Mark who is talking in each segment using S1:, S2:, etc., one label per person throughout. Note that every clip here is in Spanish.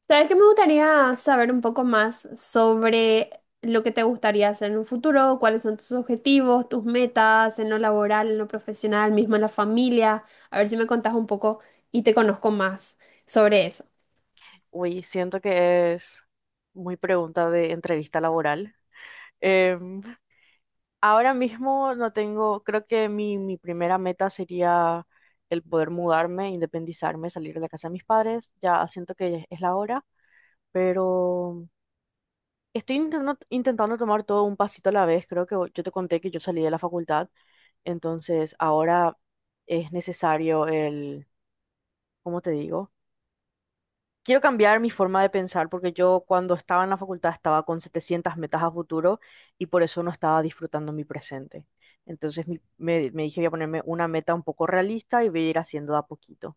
S1: ¿Sabes que me gustaría saber un poco más sobre lo que te gustaría hacer en un futuro? ¿Cuáles son tus objetivos, tus metas en lo laboral, en lo profesional, mismo en la familia? A ver si me contás un poco y te conozco más sobre eso.
S2: Uy, siento que es muy pregunta de entrevista laboral. Em, ahora mismo no tengo, creo que mi primera meta sería el poder mudarme, independizarme, salir de la casa de mis padres. Ya siento que es la hora, pero estoy intentando tomar todo un pasito a la vez. Creo que yo te conté que yo salí de la facultad, entonces ahora es necesario el, ¿cómo te digo? Quiero cambiar mi forma de pensar porque yo cuando estaba en la facultad estaba con 700 metas a futuro y por eso no estaba disfrutando mi presente. Entonces me dije voy a ponerme una meta un poco realista y voy a ir haciendo de a poquito.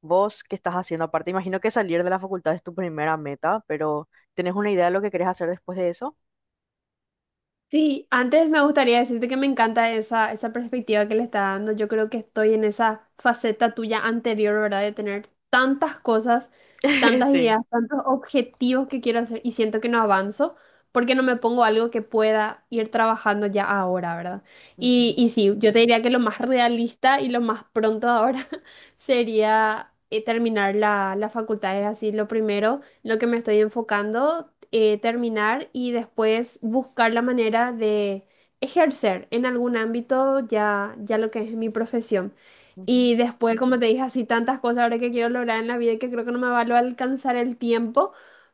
S2: ¿Vos qué estás haciendo aparte? Imagino que salir de la facultad es tu primera meta, pero ¿tenés una idea de lo que querés hacer después de eso?
S1: Sí, antes me gustaría decirte que me encanta esa perspectiva que le está dando. Yo creo que estoy en esa faceta tuya anterior, ¿verdad? De tener tantas cosas, tantas
S2: Sí.
S1: ideas, tantos objetivos que quiero hacer y siento que no avanzo porque no me pongo algo que pueda ir trabajando ya ahora, ¿verdad? Y,
S2: Ujú,
S1: y sí, yo te diría que lo más realista y lo más pronto ahora sería terminar la facultad, es así, lo primero lo que me estoy enfocando, terminar y después buscar la manera de ejercer en algún ámbito ya lo que es mi profesión.
S2: ujú.
S1: Y después, como te dije, así tantas cosas ahora que quiero lograr en la vida y que creo que no me va a alcanzar el tiempo,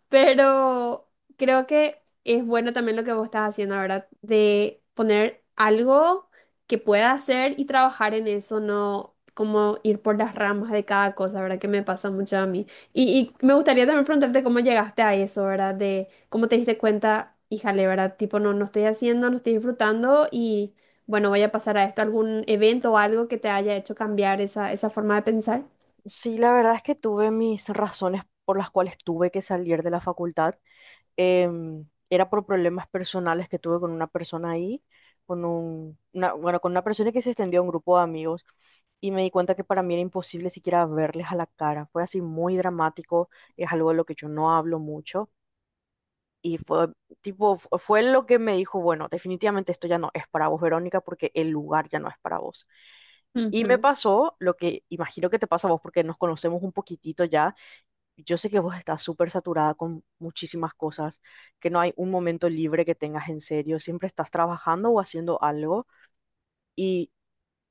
S1: pero creo que es bueno también lo que vos estás haciendo, ¿verdad? De poner algo que pueda hacer y trabajar en eso, no como ir por las ramas de cada cosa, ¿verdad? Que me pasa mucho a mí. Y me gustaría también preguntarte cómo llegaste a eso, ¿verdad? De cómo te diste cuenta, híjale, ¿verdad? Tipo, no estoy haciendo, no estoy disfrutando y bueno, voy a pasar a esto, algún evento o algo que te haya hecho cambiar esa forma de pensar.
S2: Sí, la verdad es que tuve mis razones por las cuales tuve que salir de la facultad. Era por problemas personales que tuve con una persona ahí, con con una persona que se extendió a un grupo de amigos y me di cuenta que para mí era imposible siquiera verles a la cara. Fue así muy dramático, es algo de lo que yo no hablo mucho. Y fue tipo, fue lo que me dijo, bueno, definitivamente esto ya no es para vos, Verónica, porque el lugar ya no es para vos. Y me
S1: Ujú,
S2: pasó lo que imagino que te pasa a vos porque nos conocemos un poquitito ya, yo sé que vos estás súper saturada con muchísimas cosas, que no hay un momento libre que tengas en serio, siempre estás trabajando o haciendo algo y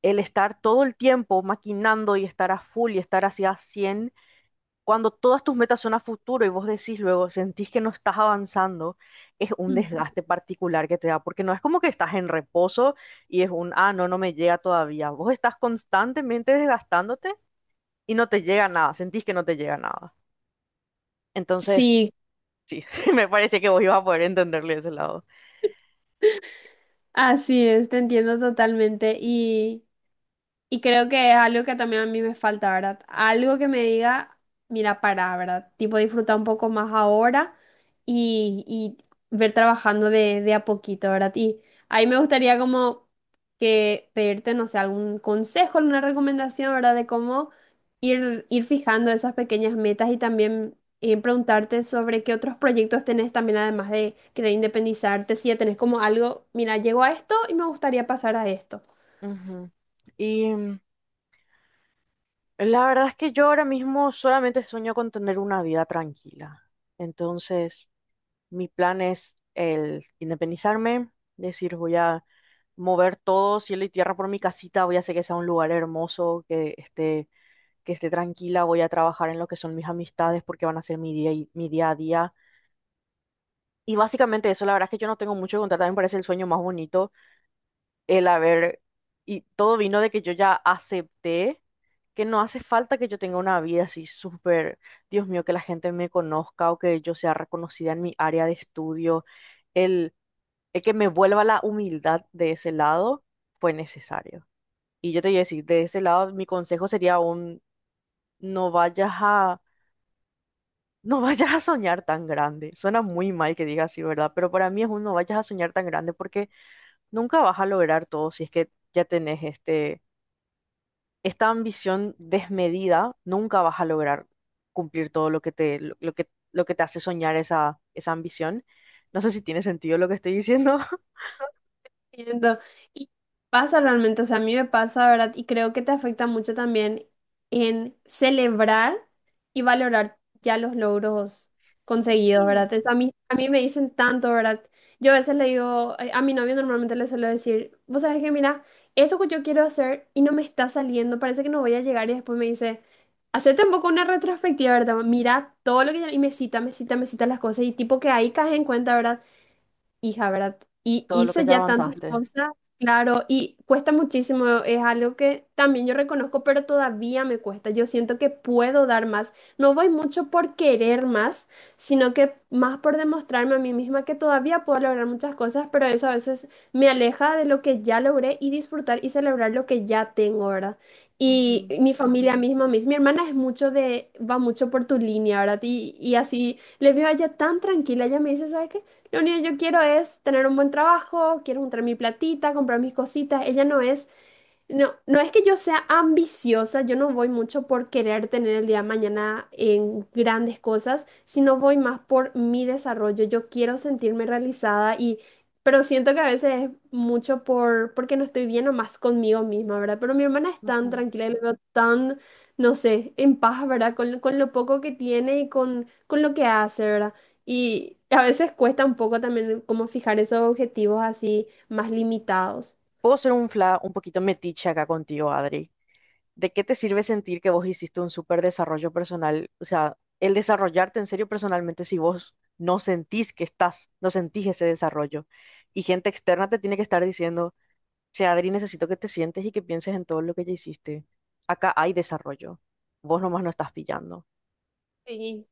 S2: el estar todo el tiempo maquinando y estar a full y estar hacia 100 cuando todas tus metas son a futuro y vos decís luego, sentís que no estás avanzando, es un
S1: ujú.
S2: desgaste particular que te da, porque no es como que estás en reposo y es no, me llega todavía, vos estás constantemente desgastándote y no te llega nada, sentís que no te llega nada. Entonces,
S1: Sí,
S2: sí, me parece que vos ibas a poder entenderle ese lado.
S1: así es, te entiendo totalmente. Y creo que es algo que también a mí me falta, ¿verdad? Algo que me diga, mira, para, ¿verdad? Tipo, disfrutar un poco más ahora y ver trabajando de a poquito, ¿verdad? Y ahí me gustaría como que pedirte, no sé, algún consejo, alguna recomendación, ¿verdad? De cómo ir fijando esas pequeñas metas y también preguntarte sobre qué otros proyectos tenés también, además de querer independizarte, si ya tenés como algo, mira, llego a esto y me gustaría pasar a esto.
S2: Ujú. Y la verdad es que yo ahora mismo solamente sueño con tener una vida tranquila. Entonces, mi plan es el independizarme, decir, voy a mover todo cielo y tierra por mi casita, voy a hacer que sea un lugar hermoso, que esté tranquila, voy a trabajar en lo que son mis amistades porque van a ser mi día a día. Y básicamente eso, la verdad es que yo no tengo mucho que contar, también me parece el sueño más bonito. El haber, y todo vino de que yo ya acepté que no hace falta que yo tenga una vida así súper, Dios mío, que la gente me conozca o que yo sea reconocida en mi área de estudio. El, el que me vuelva la humildad de ese lado fue necesario. Y yo te voy a decir, de ese lado mi consejo sería no vayas a, no vayas a soñar tan grande. Suena muy mal que diga así, ¿verdad? Pero para mí es un no vayas a soñar tan grande porque nunca vas a lograr todo si es que ya tenés esta ambición desmedida nunca vas a lograr cumplir todo lo que te hace soñar esa ambición. No sé si tiene sentido lo que estoy diciendo.
S1: Entiendo. Y pasa realmente, o sea, a mí me pasa, ¿verdad? Y creo que te afecta mucho también en celebrar y valorar ya los logros conseguidos,
S2: Sí.
S1: ¿verdad? Es- a mí me dicen tanto, ¿verdad? Yo a veces le digo, a mi novio normalmente le suelo decir, vos sabés que, mira, esto que yo quiero hacer y no me está saliendo, parece que no voy a llegar y después me dice, hacete un poco una retrospectiva, ¿verdad? Mira todo lo que... ya-". Y me cita las cosas y tipo que ahí caes en cuenta, ¿verdad? Hija, ¿verdad? Y
S2: Todo lo que
S1: hice
S2: ya
S1: ya tantas
S2: avanzaste.
S1: cosas, claro, y cuesta muchísimo, es algo que también yo reconozco, pero todavía me cuesta. Yo siento que puedo dar más. No voy mucho por querer más, sino que más por demostrarme a mí misma que todavía puedo lograr muchas cosas, pero eso a veces me aleja de lo que ya logré y disfrutar y celebrar lo que ya tengo, ¿verdad? Y
S2: Ujú,
S1: mi familia misma, mi hermana es mucho de, va mucho por tu línea, ¿verdad? Y así, le veo a ella tan tranquila, ella me dice, ¿sabes qué? Lo único que yo quiero es tener un buen trabajo, quiero juntar mi platita, comprar mis cositas. Ella no es no es que yo sea ambiciosa, yo no voy mucho por querer tener el día de mañana en grandes cosas, sino voy más por mi desarrollo. Yo quiero sentirme realizada y, pero siento que a veces es mucho por, porque no estoy bien o más conmigo misma, ¿verdad? Pero mi hermana es tan
S2: ujú.
S1: tranquila y la veo tan, no sé, en paz, ¿verdad? Con lo poco que tiene y con lo que hace, ¿verdad? Y a veces cuesta un poco también como fijar esos objetivos así más limitados.
S2: Puedo ser un poquito metiche acá contigo, Adri. ¿De qué te sirve sentir que vos hiciste un súper desarrollo personal? O sea, el desarrollarte en serio personalmente si vos no sentís ese desarrollo. Y gente externa te tiene que estar diciendo. Sea, Adri, necesito que te sientes y que pienses en todo lo que ya hiciste. Acá hay desarrollo. Vos nomás no estás pillando.
S1: Sí.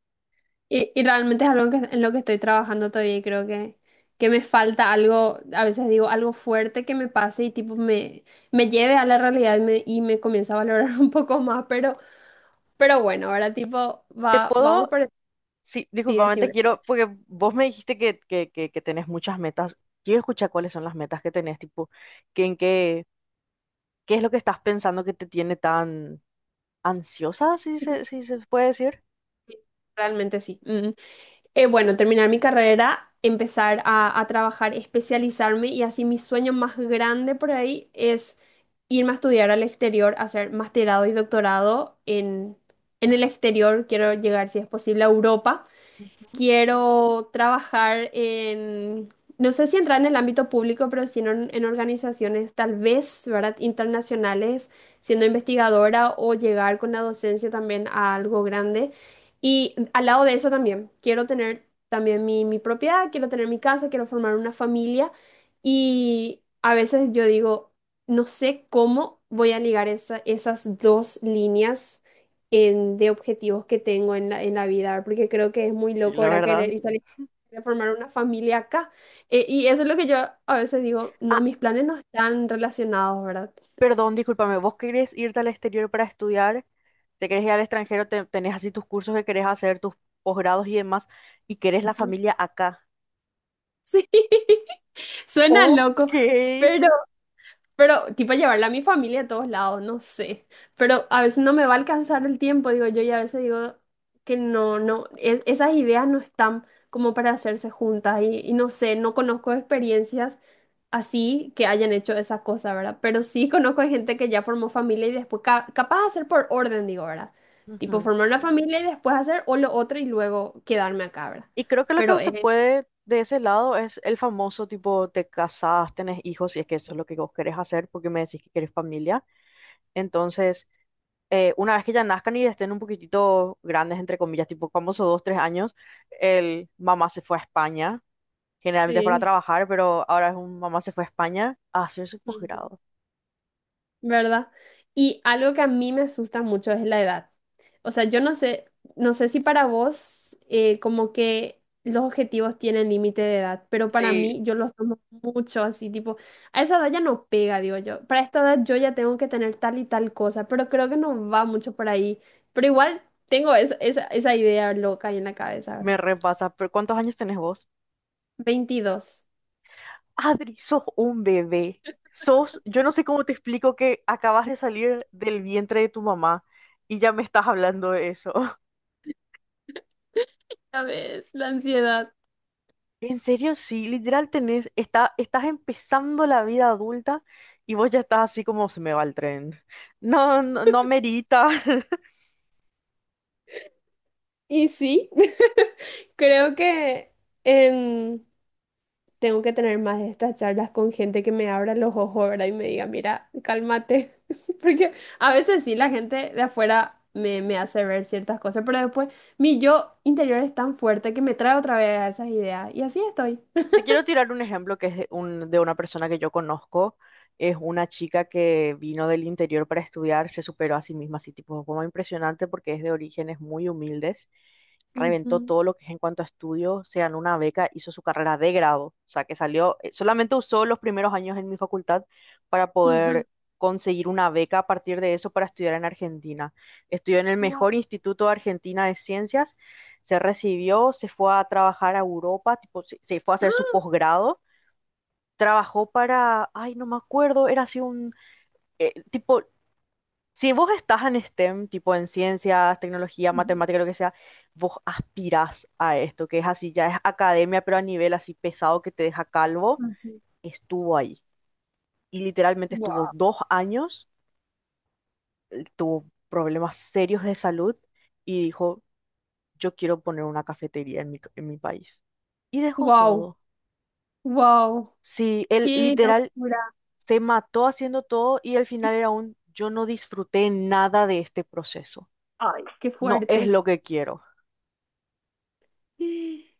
S1: Y realmente es algo que, en lo que estoy trabajando todavía y creo que me falta algo, a veces digo algo fuerte que me pase y tipo me lleve a la realidad y me comienza a valorar un poco más, pero bueno, ahora tipo
S2: Te
S1: va, vamos
S2: puedo,
S1: por el...
S2: sí,
S1: Sí,
S2: disculpame, te
S1: decime,
S2: quiero, porque vos me dijiste que tenés muchas metas. Quiero escuchar cuáles son las metas que tenés, tipo, que en qué, qué es lo que estás pensando que te tiene tan ansiosa, si se puede decir.
S1: realmente sí. Mm. Bueno, terminar mi carrera, empezar a trabajar, especializarme y así mi sueño más grande por ahí es irme a estudiar al exterior, hacer masterado y doctorado en el exterior. Quiero llegar, si es posible, a Europa.
S2: Ujú.
S1: Quiero trabajar en, no sé si entrar en el ámbito público, pero sí en, or- en organizaciones tal vez, ¿verdad? Internacionales, siendo investigadora o llegar con la docencia también a algo grande. Y al lado de eso también, quiero tener también mi propiedad, quiero tener mi casa, quiero formar una familia. Y a veces yo digo, no sé cómo voy a ligar esa- esas dos líneas en- de objetivos que tengo en en la vida, ¿verdad? Porque creo que es muy
S2: Sí,
S1: loco,
S2: la
S1: ¿verdad?
S2: verdad.
S1: Querer y salir a formar una familia acá. Y eso es lo que yo a veces digo, no,
S2: Ah.
S1: mis planes no están relacionados, ¿verdad?
S2: Perdón, discúlpame, ¿vos querés irte al exterior para estudiar? ¿Te querés ir al extranjero? ¿Tenés así tus cursos que querés hacer, tus posgrados y demás? ¿Y querés la
S1: Ujú.
S2: familia acá?
S1: Sí, suena
S2: Ok.
S1: loco, pero, pero tipo llevarla a mi familia a todos lados, no sé, pero a veces no me va a alcanzar el tiempo, digo yo, y a veces digo que no, es- esas ideas no están como para hacerse juntas y no sé, no conozco experiencias así que hayan hecho esa cosa, ¿verdad? Pero sí conozco a gente que ya formó familia y después, ca- capaz de hacer por orden, digo, ¿verdad? Tipo,
S2: Ujú.
S1: formar una familia y después hacer o lo otro y luego quedarme acá, ¿verdad?
S2: Y creo que lo que
S1: Pero,
S2: se puede de ese lado es el famoso tipo, te casás, tenés hijos, si es que eso es lo que vos querés hacer, porque me decís que querés familia. Entonces, una vez que ya nazcan y estén un poquitito grandes, entre comillas, tipo famoso dos, tres años, el mamá se fue a España, generalmente es para
S1: sí.
S2: trabajar, pero ahora es un mamá se fue a España a hacer su posgrado.
S1: ¿Verdad? Y algo que a mí me asusta mucho es la edad. O sea, yo no sé, no sé si para vos como que los objetivos tienen límite de edad, pero para
S2: Sí,
S1: mí yo los tomo mucho así, tipo, a esa edad ya no pega, digo yo. Para esta edad yo ya tengo que tener tal y tal cosa, pero creo que no va mucho por ahí. Pero igual tengo es- esa idea loca ahí en la cabeza
S2: me
S1: ahora.
S2: repasa. ¿Pero cuántos años tenés vos?
S1: 22.
S2: Adri, sos un bebé. Sos, yo no sé cómo te explico que acabas de salir del vientre de tu mamá y ya me estás hablando de eso.
S1: Ya ves, la ansiedad.
S2: En serio, sí, literal estás empezando la vida adulta y vos ya estás así como se me va el tren. No, no, no amerita.
S1: Y sí, creo que... em, tengo que tener más de estas charlas con gente que me abra los ojos, ¿verdad? Y me diga, mira, cálmate. Porque a veces sí, la gente de afuera me hace ver ciertas cosas, pero después mi yo interior es tan fuerte que me trae otra vez a esas ideas. Y así estoy.
S2: Te quiero tirar un ejemplo que es de una persona que yo conozco. Es una chica que vino del interior para estudiar, se superó a sí misma, así tipo como impresionante porque es de orígenes muy humildes. Reventó
S1: Ujú,
S2: todo lo que es en cuanto a estudio, se ganó una beca, hizo su carrera de grado, o sea que salió, solamente usó los primeros años en mi facultad para
S1: ujú.
S2: poder conseguir una beca a partir de eso para estudiar en Argentina. Estudió en el
S1: Wow.
S2: mejor instituto de Argentina de ciencias, se recibió, se fue a trabajar a Europa, tipo, se fue a hacer su
S1: Ah,
S2: posgrado, trabajó para, ay, no me acuerdo, era así tipo, si vos estás en STEM, tipo en ciencias, tecnología,
S1: ujú,
S2: matemática, lo que sea, vos aspirás a esto, que es así, ya es academia, pero a nivel así pesado que te deja calvo,
S1: ujú.
S2: estuvo ahí. Y literalmente estuvo
S1: Wow.
S2: dos años, tuvo problemas serios de salud y dijo, yo quiero poner una cafetería en mi país. Y dejó
S1: Wow.
S2: todo.
S1: Wow.
S2: Sí, él
S1: Qué
S2: literal
S1: locura.
S2: se mató haciendo todo y al final era un yo no disfruté nada de este proceso.
S1: Ay, qué
S2: No es
S1: fuerte.
S2: lo que quiero.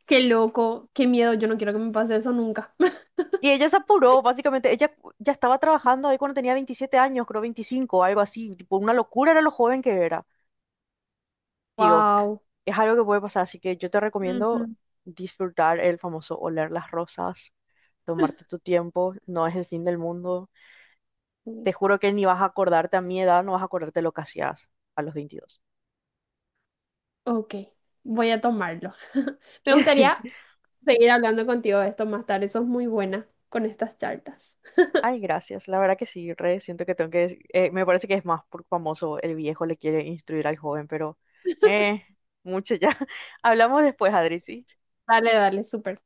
S1: Qué loco. Qué miedo. Yo no quiero que me pase eso nunca.
S2: Y ella se apuró, básicamente. Ella ya estaba trabajando ahí cuando tenía 27 años, creo 25, algo así. Tipo, una locura era lo joven que era. Tío,
S1: Wow.
S2: es algo que puede pasar, así que yo te recomiendo disfrutar el famoso oler las rosas, tomarte tu tiempo, no es el fin del mundo. Te juro que ni vas a acordarte a mi edad, no vas a acordarte lo que hacías a los 22.
S1: Ok, voy a tomarlo. Me gustaría seguir hablando contigo de esto más tarde. Sos muy buena con estas charlas.
S2: Ay, gracias. La verdad que sí, re, siento que tengo que... me parece que es más por famoso el viejo le quiere instruir al joven, pero eh, mucho ya. Hablamos después, Adri, ¿sí?
S1: Dale, dale, súper.